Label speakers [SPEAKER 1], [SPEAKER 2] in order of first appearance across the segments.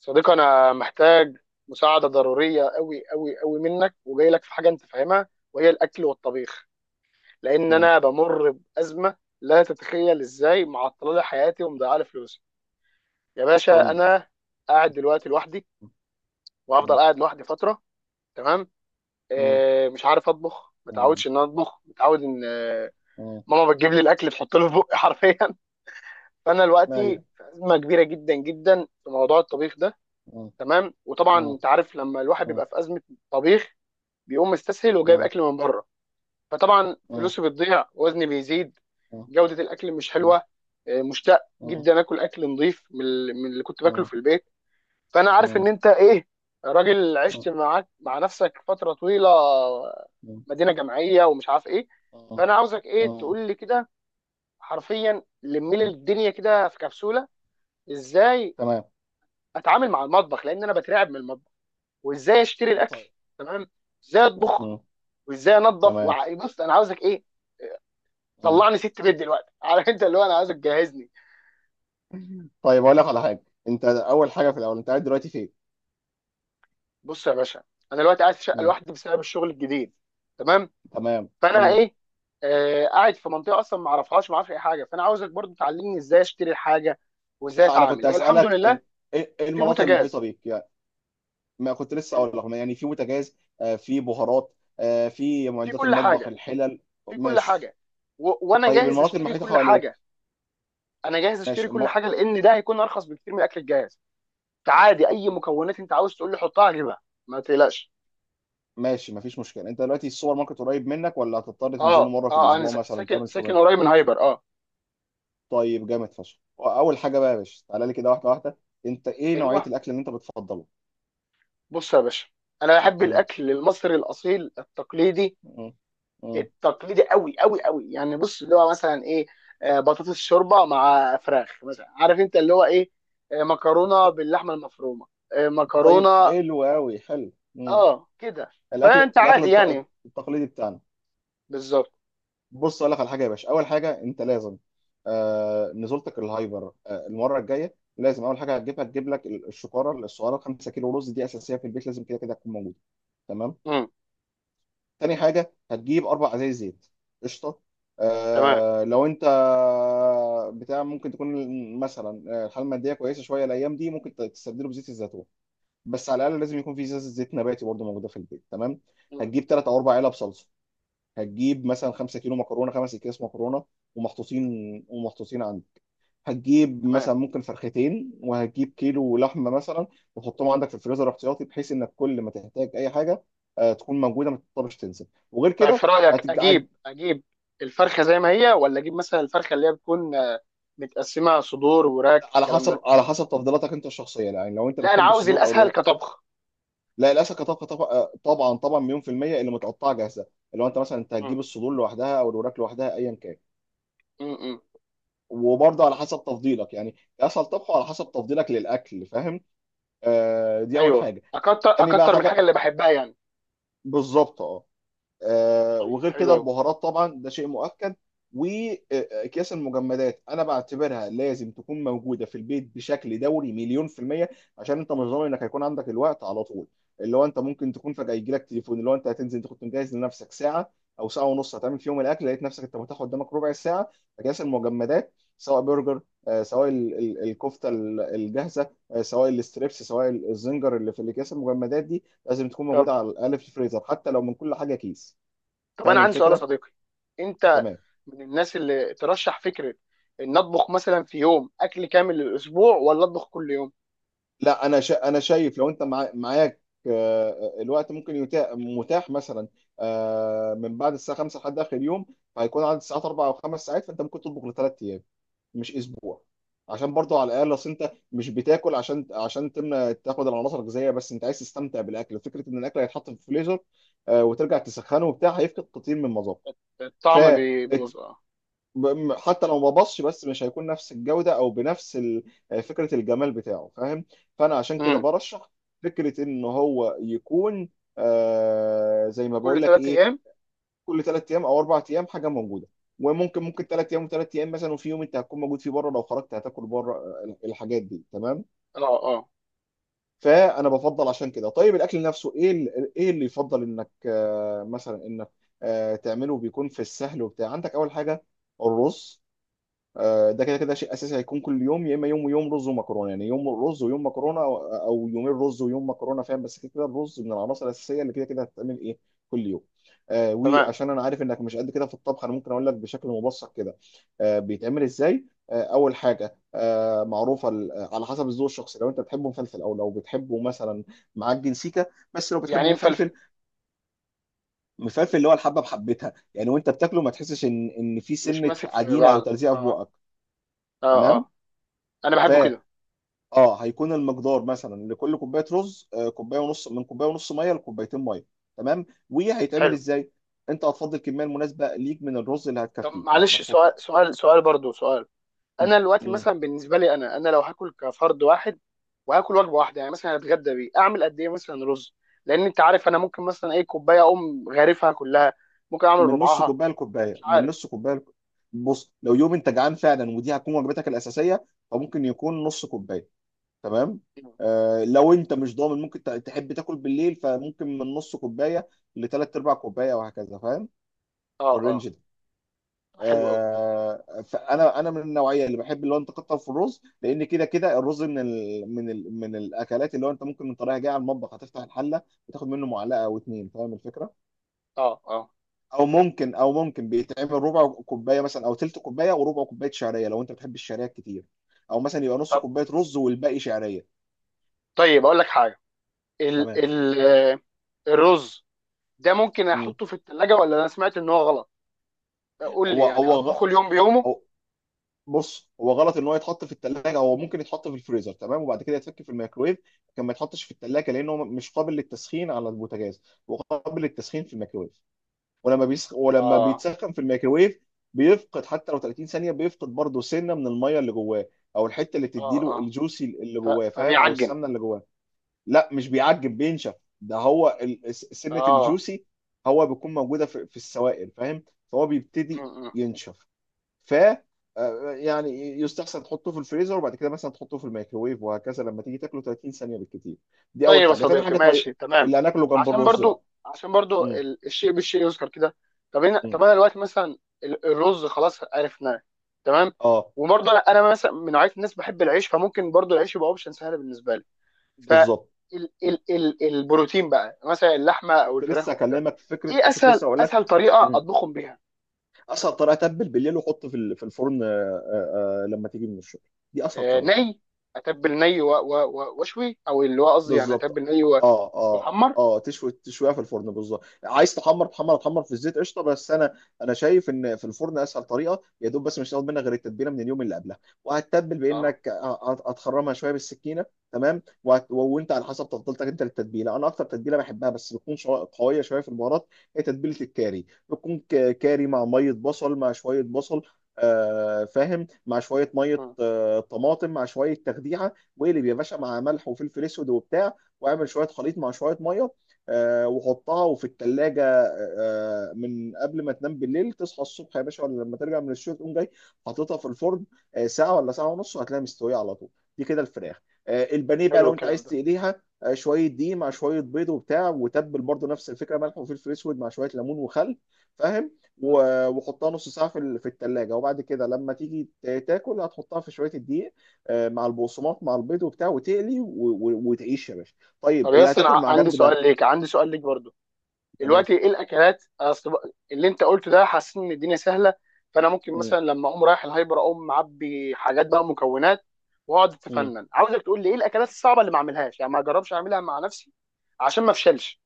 [SPEAKER 1] صديقي، انا محتاج مساعده ضروريه قوي قوي قوي منك، وجاي لك في حاجه انت فاهمها، وهي الاكل والطبيخ. لان
[SPEAKER 2] اه.
[SPEAKER 1] انا بمر بازمه لا تتخيل ازاي معطله لي حياتي ومضيعه لي فلوسي. يا
[SPEAKER 2] قول
[SPEAKER 1] باشا،
[SPEAKER 2] لي.
[SPEAKER 1] انا قاعد دلوقتي لوحدي، وهفضل
[SPEAKER 2] اه.
[SPEAKER 1] قاعد لوحدي فتره. تمام.
[SPEAKER 2] اه.
[SPEAKER 1] مش عارف اطبخ،
[SPEAKER 2] اه.
[SPEAKER 1] متعودش ان انا اطبخ، متعود ان
[SPEAKER 2] اه.
[SPEAKER 1] ماما بتجيب لي الاكل تحط له في بقي حرفيا. فانا دلوقتي
[SPEAKER 2] ايوه.
[SPEAKER 1] في ازمه كبيره جدا جدا في موضوع الطبيخ ده.
[SPEAKER 2] اه.
[SPEAKER 1] تمام. وطبعا
[SPEAKER 2] اه.
[SPEAKER 1] انت عارف، لما الواحد
[SPEAKER 2] اه.
[SPEAKER 1] بيبقى في ازمه طبيخ بيقوم مستسهل وجايب
[SPEAKER 2] اه.
[SPEAKER 1] اكل من بره، فطبعا
[SPEAKER 2] اه.
[SPEAKER 1] فلوسه بتضيع، وزني بيزيد،
[SPEAKER 2] اه.
[SPEAKER 1] جوده الاكل مش
[SPEAKER 2] اه.
[SPEAKER 1] حلوه. مشتاق
[SPEAKER 2] اه.
[SPEAKER 1] جدا اكل نظيف، من اللي كنت باكله
[SPEAKER 2] اه.
[SPEAKER 1] في البيت. فانا عارف ان انت ايه، راجل
[SPEAKER 2] اه.
[SPEAKER 1] عشت معاك مع نفسك فتره طويله،
[SPEAKER 2] اه.
[SPEAKER 1] مدينه جامعيه ومش عارف ايه.
[SPEAKER 2] اه. اه.
[SPEAKER 1] فانا عاوزك ايه،
[SPEAKER 2] اه.
[SPEAKER 1] تقول لي كده حرفيا، لمي لي الدنيا كده في كبسوله. ازاي
[SPEAKER 2] تمام.
[SPEAKER 1] اتعامل مع المطبخ، لان انا بترعب من المطبخ، وازاي اشتري
[SPEAKER 2] طيب.
[SPEAKER 1] الاكل. تمام. ازاي اطبخ،
[SPEAKER 2] اه.
[SPEAKER 1] وازاي انظف،
[SPEAKER 2] تمام.
[SPEAKER 1] بص انا عاوزك ايه،
[SPEAKER 2] اه.
[SPEAKER 1] طلعني ست بيت دلوقتي. عارف انت اللي هو، انا عايزك تجهزني.
[SPEAKER 2] طيب، اقول لك على حاجه. انت اول حاجه، في الاول انت قاعد دلوقتي فين؟
[SPEAKER 1] بص يا باشا، انا دلوقتي قاعد في شقه
[SPEAKER 2] اه.
[SPEAKER 1] لوحدي بسبب الشغل الجديد. تمام.
[SPEAKER 2] تمام.
[SPEAKER 1] فانا
[SPEAKER 2] مم.
[SPEAKER 1] ايه، قاعد في منطقه اصلا ما اعرفهاش، ما اعرفش اي حاجه. فانا عاوزك برضو تعلمني ازاي اشتري الحاجه
[SPEAKER 2] لا،
[SPEAKER 1] وازاي
[SPEAKER 2] لا، انا كنت
[SPEAKER 1] اتعامل. هي الحمد
[SPEAKER 2] اسالك إن-
[SPEAKER 1] لله
[SPEAKER 2] ايه إيه
[SPEAKER 1] في
[SPEAKER 2] المناطق المحيطه
[SPEAKER 1] بوتاجاز،
[SPEAKER 2] بيك يعني. ما كنت لسه اقول لك يعني، في بوتاجاز، في بهارات، في
[SPEAKER 1] في
[SPEAKER 2] معدات
[SPEAKER 1] كل
[SPEAKER 2] المطبخ،
[SPEAKER 1] حاجه،
[SPEAKER 2] الحلل.
[SPEAKER 1] في كل
[SPEAKER 2] ماشي.
[SPEAKER 1] حاجه. وانا
[SPEAKER 2] طيب،
[SPEAKER 1] جاهز
[SPEAKER 2] المناطق
[SPEAKER 1] اشتري
[SPEAKER 2] المحيطه
[SPEAKER 1] كل حاجه.
[SPEAKER 2] حواليك.
[SPEAKER 1] انا جاهز اشتري
[SPEAKER 2] ماشي.
[SPEAKER 1] كل حاجه، لان ده هيكون ارخص بكتير من الاكل الجاهز. عادي اي مكونات انت عاوز تقول لي حطها اجيبها، ما تقلقش.
[SPEAKER 2] ماشي، مفيش مشكله. انت دلوقتي السوبر ماركت قريب منك، ولا هتضطر تنزله
[SPEAKER 1] اه،
[SPEAKER 2] مره في
[SPEAKER 1] اه، انا
[SPEAKER 2] الاسبوع
[SPEAKER 1] س-
[SPEAKER 2] مثلا
[SPEAKER 1] ساكن
[SPEAKER 2] تعمل
[SPEAKER 1] ساكن
[SPEAKER 2] شوبينج؟
[SPEAKER 1] قريب من هايبر، اه.
[SPEAKER 2] طيب، جامد فشخ. اول حاجه بقى يا باشا، تعالى لي كده واحده واحده. انت ايه نوعيه
[SPEAKER 1] ايوه.
[SPEAKER 2] الاكل اللي انت بتفضله؟
[SPEAKER 1] بص يا باشا، انا بحب
[SPEAKER 2] مم.
[SPEAKER 1] الاكل المصري الاصيل التقليدي،
[SPEAKER 2] مم. مم.
[SPEAKER 1] التقليدي قوي قوي قوي. يعني بص اللي هو مثلا ايه، بطاطس، شوربه مع فراخ مثلا، عارف انت اللي هو ايه، مكرونه
[SPEAKER 2] ط-
[SPEAKER 1] باللحمه المفرومه،
[SPEAKER 2] طيب،
[SPEAKER 1] مكرونه.
[SPEAKER 2] حلو قوي، حلو. مم.
[SPEAKER 1] اه كده،
[SPEAKER 2] الاكل
[SPEAKER 1] فانت
[SPEAKER 2] الاكل
[SPEAKER 1] عادي يعني.
[SPEAKER 2] التقليدي بتاعنا.
[SPEAKER 1] بالظبط.
[SPEAKER 2] بص اقول لك على حاجه يا باشا، اول حاجه انت لازم. نزولتك الهايبر المره الجايه، لازم اول حاجه هتجيبها، تجيب لك الشكاره الصغيره، 5 كيلو رز. دي اساسيه في البيت، لازم كده كده تكون موجوده. تمام.
[SPEAKER 1] امم
[SPEAKER 2] تاني حاجه، هتجيب 4 ازايز زيت. قشطه.
[SPEAKER 1] تمام.
[SPEAKER 2] لو انت بتاع ممكن تكون مثلا الحاله الماديه كويسه شويه الايام دي، ممكن تستبدله بزيت الزيتون. بس على الاقل لازم يكون في زيت، زيت نباتي برضه موجوده في البيت. تمام.
[SPEAKER 1] مم.
[SPEAKER 2] هتجيب 3 او 4 علب صلصه. هتجيب مثلا 5 كيلو مكرونه، 5 اكياس مكرونه ومحطوطين عندك. هتجيب
[SPEAKER 1] تمام.
[SPEAKER 2] مثلا ممكن فرختين، وهتجيب كيلو لحمه مثلا، وتحطهم عندك في الفريزر احتياطي، بحيث انك كل ما تحتاج اي حاجه تكون موجوده، ما تضطرش تنسى وغير
[SPEAKER 1] طيب،
[SPEAKER 2] كده.
[SPEAKER 1] في رايك
[SPEAKER 2] هتج... هت-
[SPEAKER 1] اجيب، اجيب الفرخه زي ما هي، ولا اجيب مثلا الفرخه اللي هي بتكون متقسمه، صدور وراك
[SPEAKER 2] على
[SPEAKER 1] الكلام
[SPEAKER 2] حسب
[SPEAKER 1] ده؟
[SPEAKER 2] على حسب تفضيلاتك انت الشخصيه يعني، لو انت
[SPEAKER 1] لا، انا
[SPEAKER 2] بتحب
[SPEAKER 1] عاوز
[SPEAKER 2] الصدور او
[SPEAKER 1] الاسهل
[SPEAKER 2] الورق.
[SPEAKER 1] كطبخ.
[SPEAKER 2] لا، الاسماك طبعا طبعا طبعا طبعاً مليون في الميه اللي متقطعه جاهزه. لو انت مثلا انت هتجيب الصدور لوحدها او الوراك لوحدها، ايا كان.
[SPEAKER 1] امم
[SPEAKER 2] وبرضه على حسب تفضيلك يعني، اسهل طبخه على حسب تفضيلك للاكل، فاهم. دي اول
[SPEAKER 1] ايوه،
[SPEAKER 2] حاجه.
[SPEAKER 1] اكتر
[SPEAKER 2] تاني بقى
[SPEAKER 1] اكتر من الحاجه
[SPEAKER 2] حاجه.
[SPEAKER 1] اللي بحبها يعني.
[SPEAKER 2] بالظبط. اه.
[SPEAKER 1] طيب
[SPEAKER 2] وغير
[SPEAKER 1] حلو
[SPEAKER 2] كده
[SPEAKER 1] قوي.
[SPEAKER 2] البهارات طبعا ده شيء مؤكد. واكياس المجمدات، انا بعتبرها لازم تكون موجوده في البيت بشكل دوري، مليون في الميه. عشان انت مش ضامن انك هيكون عندك الوقت على طول. اللي هو انت ممكن تكون فجاه يجي لك تليفون، اللي هو انت هتنزل، انت كنت مجهز لنفسك ساعه او ساعه ونص هتعمل فيهم الاكل، لقيت نفسك انت متاح قدامك ربع ساعه. اكياس المجمدات، سواء برجر، سواء الكفته الجاهزه، سواء الستريبس، سواء الزنجر، اللي في الاكياس المجمدات دي لازم تكون
[SPEAKER 1] طب
[SPEAKER 2] موجوده على الاقل في الفريزر، حتى لو من كل حاجه كيس.
[SPEAKER 1] طب انا
[SPEAKER 2] فاهم
[SPEAKER 1] عندي سؤال يا
[SPEAKER 2] الفكره؟
[SPEAKER 1] صديقي، انت
[SPEAKER 2] تمام.
[SPEAKER 1] من الناس اللي ترشح فكره ان اطبخ مثلا في يوم اكل كامل للاسبوع، ولا اطبخ كل يوم؟
[SPEAKER 2] لا، انا شايف لو انت معاك آه، الوقت ممكن يتاح، متاح مثلا من بعد الساعه 5 لحد اخر يوم. فهيكون عدد الساعات 4 او 5 ساعات، فانت ممكن تطبخ ل3 ايام، مش اسبوع. عشان برضو على الاقل، اصل انت مش بتاكل عشان تمنى تاخد العناصر الغذائيه، بس انت عايز تستمتع بالاكل. فكره ان الاكل هيتحط في الفريزر وترجع تسخنه وبتاع، هيفقد كتير من مذاقه. ف
[SPEAKER 1] الطعم بيبوظ، اه.
[SPEAKER 2] حتى لو ما بصش، بس مش هيكون نفس الجودة او بنفس فكرة الجمال بتاعه، فاهم. فانا عشان كده
[SPEAKER 1] امم.
[SPEAKER 2] برشح فكرة ان هو يكون زي ما
[SPEAKER 1] كل
[SPEAKER 2] بقول لك،
[SPEAKER 1] ثلاث
[SPEAKER 2] ايه،
[SPEAKER 1] ايام
[SPEAKER 2] كل 3 ايام او 4 ايام حاجة موجودة. وممكن 3 ايام و3 ايام مثلا، وفي يوم انت هتكون موجود فيه بره، لو خرجت هتاكل بره، الحاجات دي. تمام.
[SPEAKER 1] اه، اه.
[SPEAKER 2] فانا بفضل عشان كده. طيب، الاكل نفسه ايه ايه اللي يفضل انك مثلا انك تعمله، بيكون في السهل وبتاع. عندك اول حاجة، الرز. ده كده كده شيء اساسي، هيكون كل يوم، يا اما يوم ويوم رز ومكرونه. يعني يوم رز ويوم مكرونه، او يومين رز ويوم مكرونه، فاهم. بس كده كده الرز من العناصر الاساسيه اللي كده كده هتتعمل ايه، كل يوم.
[SPEAKER 1] تمام.
[SPEAKER 2] وعشان انا عارف انك مش قد كده في الطبخ، انا ممكن اقول لك بشكل مبسط كده. بيتعمل ازاي. اول حاجه معروفه على حسب الذوق الشخصي، لو انت بتحبه مفلفل، او لو بتحبه مثلا معجن سيكه. بس لو
[SPEAKER 1] يعني
[SPEAKER 2] بتحبه
[SPEAKER 1] إيه
[SPEAKER 2] مفلفل.
[SPEAKER 1] مفلفل؟
[SPEAKER 2] مفلفل اللي هو الحبه بحبتها يعني، وانت بتاكله ما تحسش ان في
[SPEAKER 1] مش
[SPEAKER 2] سنه
[SPEAKER 1] ماسك في
[SPEAKER 2] عجينه او
[SPEAKER 1] بعض،
[SPEAKER 2] تلزيقه في
[SPEAKER 1] اه.
[SPEAKER 2] بقك.
[SPEAKER 1] اه،
[SPEAKER 2] تمام.
[SPEAKER 1] اه، انا بحبه كده.
[SPEAKER 2] اه، هيكون المقدار مثلا لكل كوبايه رز، كوبايه ونص، من كوبايه ونص ميه لكوبايتين ميه. تمام. وهيتعمل
[SPEAKER 1] حلو.
[SPEAKER 2] ازاي. انت هتفضي الكميه المناسبه ليك من الرز اللي
[SPEAKER 1] طب
[SPEAKER 2] هتكفيك يعني،
[SPEAKER 1] معلش، سؤال،
[SPEAKER 2] هتحط
[SPEAKER 1] سؤال، سؤال برضو، سؤال.
[SPEAKER 2] م-
[SPEAKER 1] انا دلوقتي
[SPEAKER 2] م-
[SPEAKER 1] مثلا بالنسبه لي، انا لو هاكل كفرد واحد وهاكل وجبه واحده، يعني مثلا هتغدى بيه، اعمل قد ايه مثلا رز؟ لان انت عارف انا ممكن مثلا ايه، كوبايه اقوم غارفها كلها، ممكن اعمل
[SPEAKER 2] من نص
[SPEAKER 1] ربعها،
[SPEAKER 2] كوبايه
[SPEAKER 1] فمش
[SPEAKER 2] لكوبايه، من
[SPEAKER 1] عارف.
[SPEAKER 2] نص كوبايه بص لو يوم انت جعان فعلا ودي هتكون وجبتك الاساسيه، فممكن يكون نص كوبايه، تمام. لو انت مش ضامن ممكن تحب تاكل بالليل، فممكن من نص كوبايه لثلاث ارباع كوبايه، وهكذا، فاهم.
[SPEAKER 1] اه،
[SPEAKER 2] في
[SPEAKER 1] اه.
[SPEAKER 2] الرينج ده.
[SPEAKER 1] حلو قوي.
[SPEAKER 2] فانا من النوعيه اللي بحب اللي هو انت تكتر في الرز، لان كده كده الرز من ال من ال من الاكلات اللي هو انت ممكن من طريقه جايه على المطبخ هتفتح الحله، وتاخد منه معلقه او اتنين، فاهم الفكره.
[SPEAKER 1] اه، اه.
[SPEAKER 2] او ممكن بيتعمل ربع كوبايه مثلا، او تلت كوبايه وربع كوبايه شعريه لو انت بتحب الشعريه كتير، او مثلا يبقى نص
[SPEAKER 1] طب،
[SPEAKER 2] كوبايه رز والباقي شعريه.
[SPEAKER 1] طيب اقول لك حاجه. ال
[SPEAKER 2] تمام.
[SPEAKER 1] ال آه، الرز ده ممكن
[SPEAKER 2] مم.
[SPEAKER 1] احطه في الثلاجه، ولا انا سمعت ان هو غلط؟ قول لي،
[SPEAKER 2] هو
[SPEAKER 1] يعني
[SPEAKER 2] هو غ-
[SPEAKER 1] اطبخه اليوم بيومه؟
[SPEAKER 2] هو بص، هو غلط ان هو يتحط في الثلاجه. هو ممكن يتحط في الفريزر، تمام، وبعد كده يتفك في الميكرويف. لكن ما يتحطش في الثلاجه، لانه مش قابل للتسخين على البوتاجاز، وقابل للتسخين في الميكرويف. ولما
[SPEAKER 1] اه.
[SPEAKER 2] بيتسخن في الميكرويف بيفقد، حتى لو 30 ثانيه بيفقد، برضه سنه من الميه اللي جواه، او الحته اللي
[SPEAKER 1] اه،
[SPEAKER 2] بتديله
[SPEAKER 1] اه،
[SPEAKER 2] الجوسي اللي
[SPEAKER 1] ف-
[SPEAKER 2] جواه، فاهم، او
[SPEAKER 1] فبيعجن.
[SPEAKER 2] السمنه اللي جواه. لا، مش بيعجب، بينشف. ده هو سنه
[SPEAKER 1] اه.
[SPEAKER 2] الجوسي، هو بيكون موجوده في السوائل، فاهم. فهو
[SPEAKER 1] م-
[SPEAKER 2] بيبتدي
[SPEAKER 1] م.
[SPEAKER 2] ينشف. ف آه، يعني يستحسن تحطه في الفريزر، وبعد كده مثلا تحطه في الميكروويف، وهكذا، لما تيجي تاكله 30 ثانيه بالكتير. دي اول
[SPEAKER 1] طيب يا
[SPEAKER 2] حاجه. تاني
[SPEAKER 1] صديقي،
[SPEAKER 2] حاجه، طيب،
[SPEAKER 1] ماشي، تمام.
[SPEAKER 2] اللي هناكله جنب
[SPEAKER 1] عشان
[SPEAKER 2] الرز
[SPEAKER 1] برضو،
[SPEAKER 2] بقى. مم.
[SPEAKER 1] الشيء بالشيء يذكر كده.
[SPEAKER 2] مم.
[SPEAKER 1] طب انا دلوقتي مثلا، الرز خلاص عرفناه. تمام.
[SPEAKER 2] اه،
[SPEAKER 1] وبرضه انا، مثلا من نوعيه الناس بحب العيش، فممكن برضو العيش يبقى اوبشن سهل بالنسبه لي. ف
[SPEAKER 2] بالظبط.
[SPEAKER 1] ال
[SPEAKER 2] مم.
[SPEAKER 1] ال ال البروتين بقى، مثلا اللحمه او
[SPEAKER 2] كنت
[SPEAKER 1] الفراخ
[SPEAKER 2] لسه
[SPEAKER 1] وكده،
[SPEAKER 2] اكلمك في فكره،
[SPEAKER 1] ايه
[SPEAKER 2] كنت
[SPEAKER 1] اسهل
[SPEAKER 2] لسه اقول لك.
[SPEAKER 1] اسهل طريقه
[SPEAKER 2] مم.
[SPEAKER 1] اطبخهم بيها؟
[SPEAKER 2] اسهل طريقه، تبل بالليل وحط في الفرن، لما تيجي من الشغل. دي اسهل طريقه.
[SPEAKER 1] ني، اتبل ني واشوي، او اللي هو قصدي يعني اتبل
[SPEAKER 2] بالظبط.
[SPEAKER 1] ني
[SPEAKER 2] اه. اه.
[SPEAKER 1] واحمر.
[SPEAKER 2] اه، تشوي، تشويها في الفرن، بالظبط، عايز تحمر، تحمر تحمر في الزيت، قشطه، بس انا شايف ان في الفرن اسهل طريقه، يا دوب، بس مش هتاخد منك غير التتبيله من اليوم اللي قبلها، وهتتبل
[SPEAKER 1] اه.
[SPEAKER 2] بانك هتخرمها شويه بالسكينه. تمام. وانت على حسب تفضيلتك انت للتتبيله، انا اكتر تتبيله بحبها بس بتكون قويه شويه في البهارات. هي تتبيله الكاري، بتكون كاري مع ميه بصل، مع شويه بصل، فاهم، مع شويه ميه،
[SPEAKER 1] مم.
[SPEAKER 2] طماطم، مع شويه تخديعه. واقلب يا باشا مع ملح وفلفل اسود وبتاع، واعمل شويه خليط مع شويه ميه، وحطها وفي الثلاجه. من قبل ما تنام بالليل، تصحى الصبح يا باشا، ولا لما ترجع من الشغل تقوم جاي حاططها في الفرن، ساعه ولا ساعه ونص، وهتلاقيها مستويه على طول. دي كده الفراخ. البانيه بقى
[SPEAKER 1] حلو
[SPEAKER 2] لو انت
[SPEAKER 1] الكلام
[SPEAKER 2] عايز تقليها، شويه دقيق مع شويه بيض وبتاع، وتبل برضو نفس الفكره، ملح وفلفل اسود مع شويه ليمون وخل، فاهم.
[SPEAKER 1] ده.
[SPEAKER 2] وحطها نص ساعه في الثلاجه، وبعد كده لما تيجي تاكل، هتحطها في شويه الدقيق، مع البقسماط، مع البيض وبتاع، وتقلي وتعيش يا باشا. طيب،
[SPEAKER 1] طب
[SPEAKER 2] اللي
[SPEAKER 1] ياسر،
[SPEAKER 2] هتاكل مع
[SPEAKER 1] عندي
[SPEAKER 2] جنب ده.
[SPEAKER 1] سؤال ليك، عندي سؤال ليك برضو.
[SPEAKER 2] تمام.
[SPEAKER 1] دلوقتي ايه الاكلات، أصل اللي انت قلته ده حاسس ان الدنيا سهله، فانا ممكن
[SPEAKER 2] مم.
[SPEAKER 1] مثلا لما اقوم رايح الهايبر اقوم معبي حاجات بقى، مكونات، واقعد
[SPEAKER 2] مم.
[SPEAKER 1] اتفنن. عاوزك تقول لي ايه الاكلات الصعبه اللي ما اعملهاش، يعني ما اجربش اعملها مع نفسي عشان ما افشلش،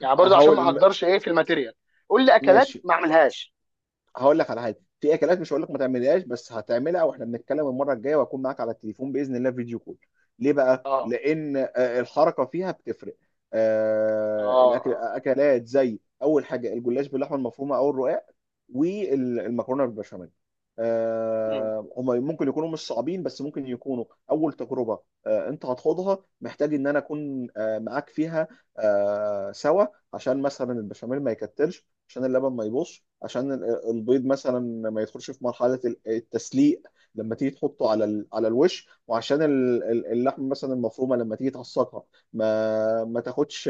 [SPEAKER 1] يعني برضو عشان ما
[SPEAKER 2] هقول م-
[SPEAKER 1] احضرش ايه في الماتيريال. قول لي اكلات
[SPEAKER 2] ماشي.
[SPEAKER 1] ما اعملهاش.
[SPEAKER 2] هقول لك على حاجه، في اكلات مش هقول لك ما تعملهاش، بس هتعملها واحنا بنتكلم المره الجايه، وهكون معاك على التليفون باذن الله، فيديو كول. ليه بقى؟
[SPEAKER 1] اه،
[SPEAKER 2] لان الحركه فيها بتفرق.
[SPEAKER 1] اه،
[SPEAKER 2] الاكل،
[SPEAKER 1] اه.
[SPEAKER 2] اكلات زي اول حاجه الجلاش باللحمه المفرومه او الرقاق، والمكرونه بالبشاميل،
[SPEAKER 1] مم.
[SPEAKER 2] هما ممكن يكونوا مش صعبين، بس ممكن يكونوا اول تجربه انت هتخوضها، محتاج ان انا اكون معاك فيها سوا. عشان مثلا البشاميل ما يكتلش، عشان اللبن ما يبوظش، عشان البيض مثلا ما يدخلش في مرحله التسليق لما تيجي تحطه على الوش، وعشان اللحم مثلا المفرومه لما تيجي تعصقها، ما تاخدش،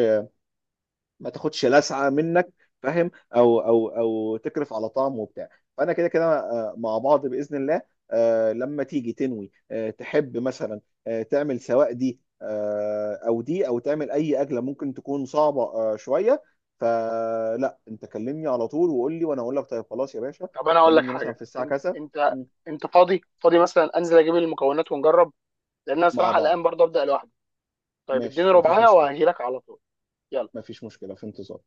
[SPEAKER 2] ما تاخدش لسعه منك، فاهم. او تكرف على طعم وبتاع. فانا كده كده مع بعض باذن الله، لما تيجي تنوي تحب مثلا تعمل سواء دي، او دي، او تعمل اي اكله ممكن تكون صعبه شويه. فلا انت كلمني على طول وقول لي، وانا اقول لك. طيب، خلاص يا باشا،
[SPEAKER 1] طب انا اقول لك
[SPEAKER 2] كلمني مثلا
[SPEAKER 1] حاجه،
[SPEAKER 2] في الساعه
[SPEAKER 1] انت
[SPEAKER 2] كذا.
[SPEAKER 1] انت
[SPEAKER 2] مم.
[SPEAKER 1] انت فاضي مثلا انزل اجيب المكونات ونجرب؟ لان انا
[SPEAKER 2] مع
[SPEAKER 1] صراحه
[SPEAKER 2] بعض.
[SPEAKER 1] الان برضو ابدا لوحدي. طيب اديني
[SPEAKER 2] ماشي، مفيش
[SPEAKER 1] ربعايه
[SPEAKER 2] مشكله.
[SPEAKER 1] وهجيلك على طول. يلا.
[SPEAKER 2] مفيش مشكله، في انتظار.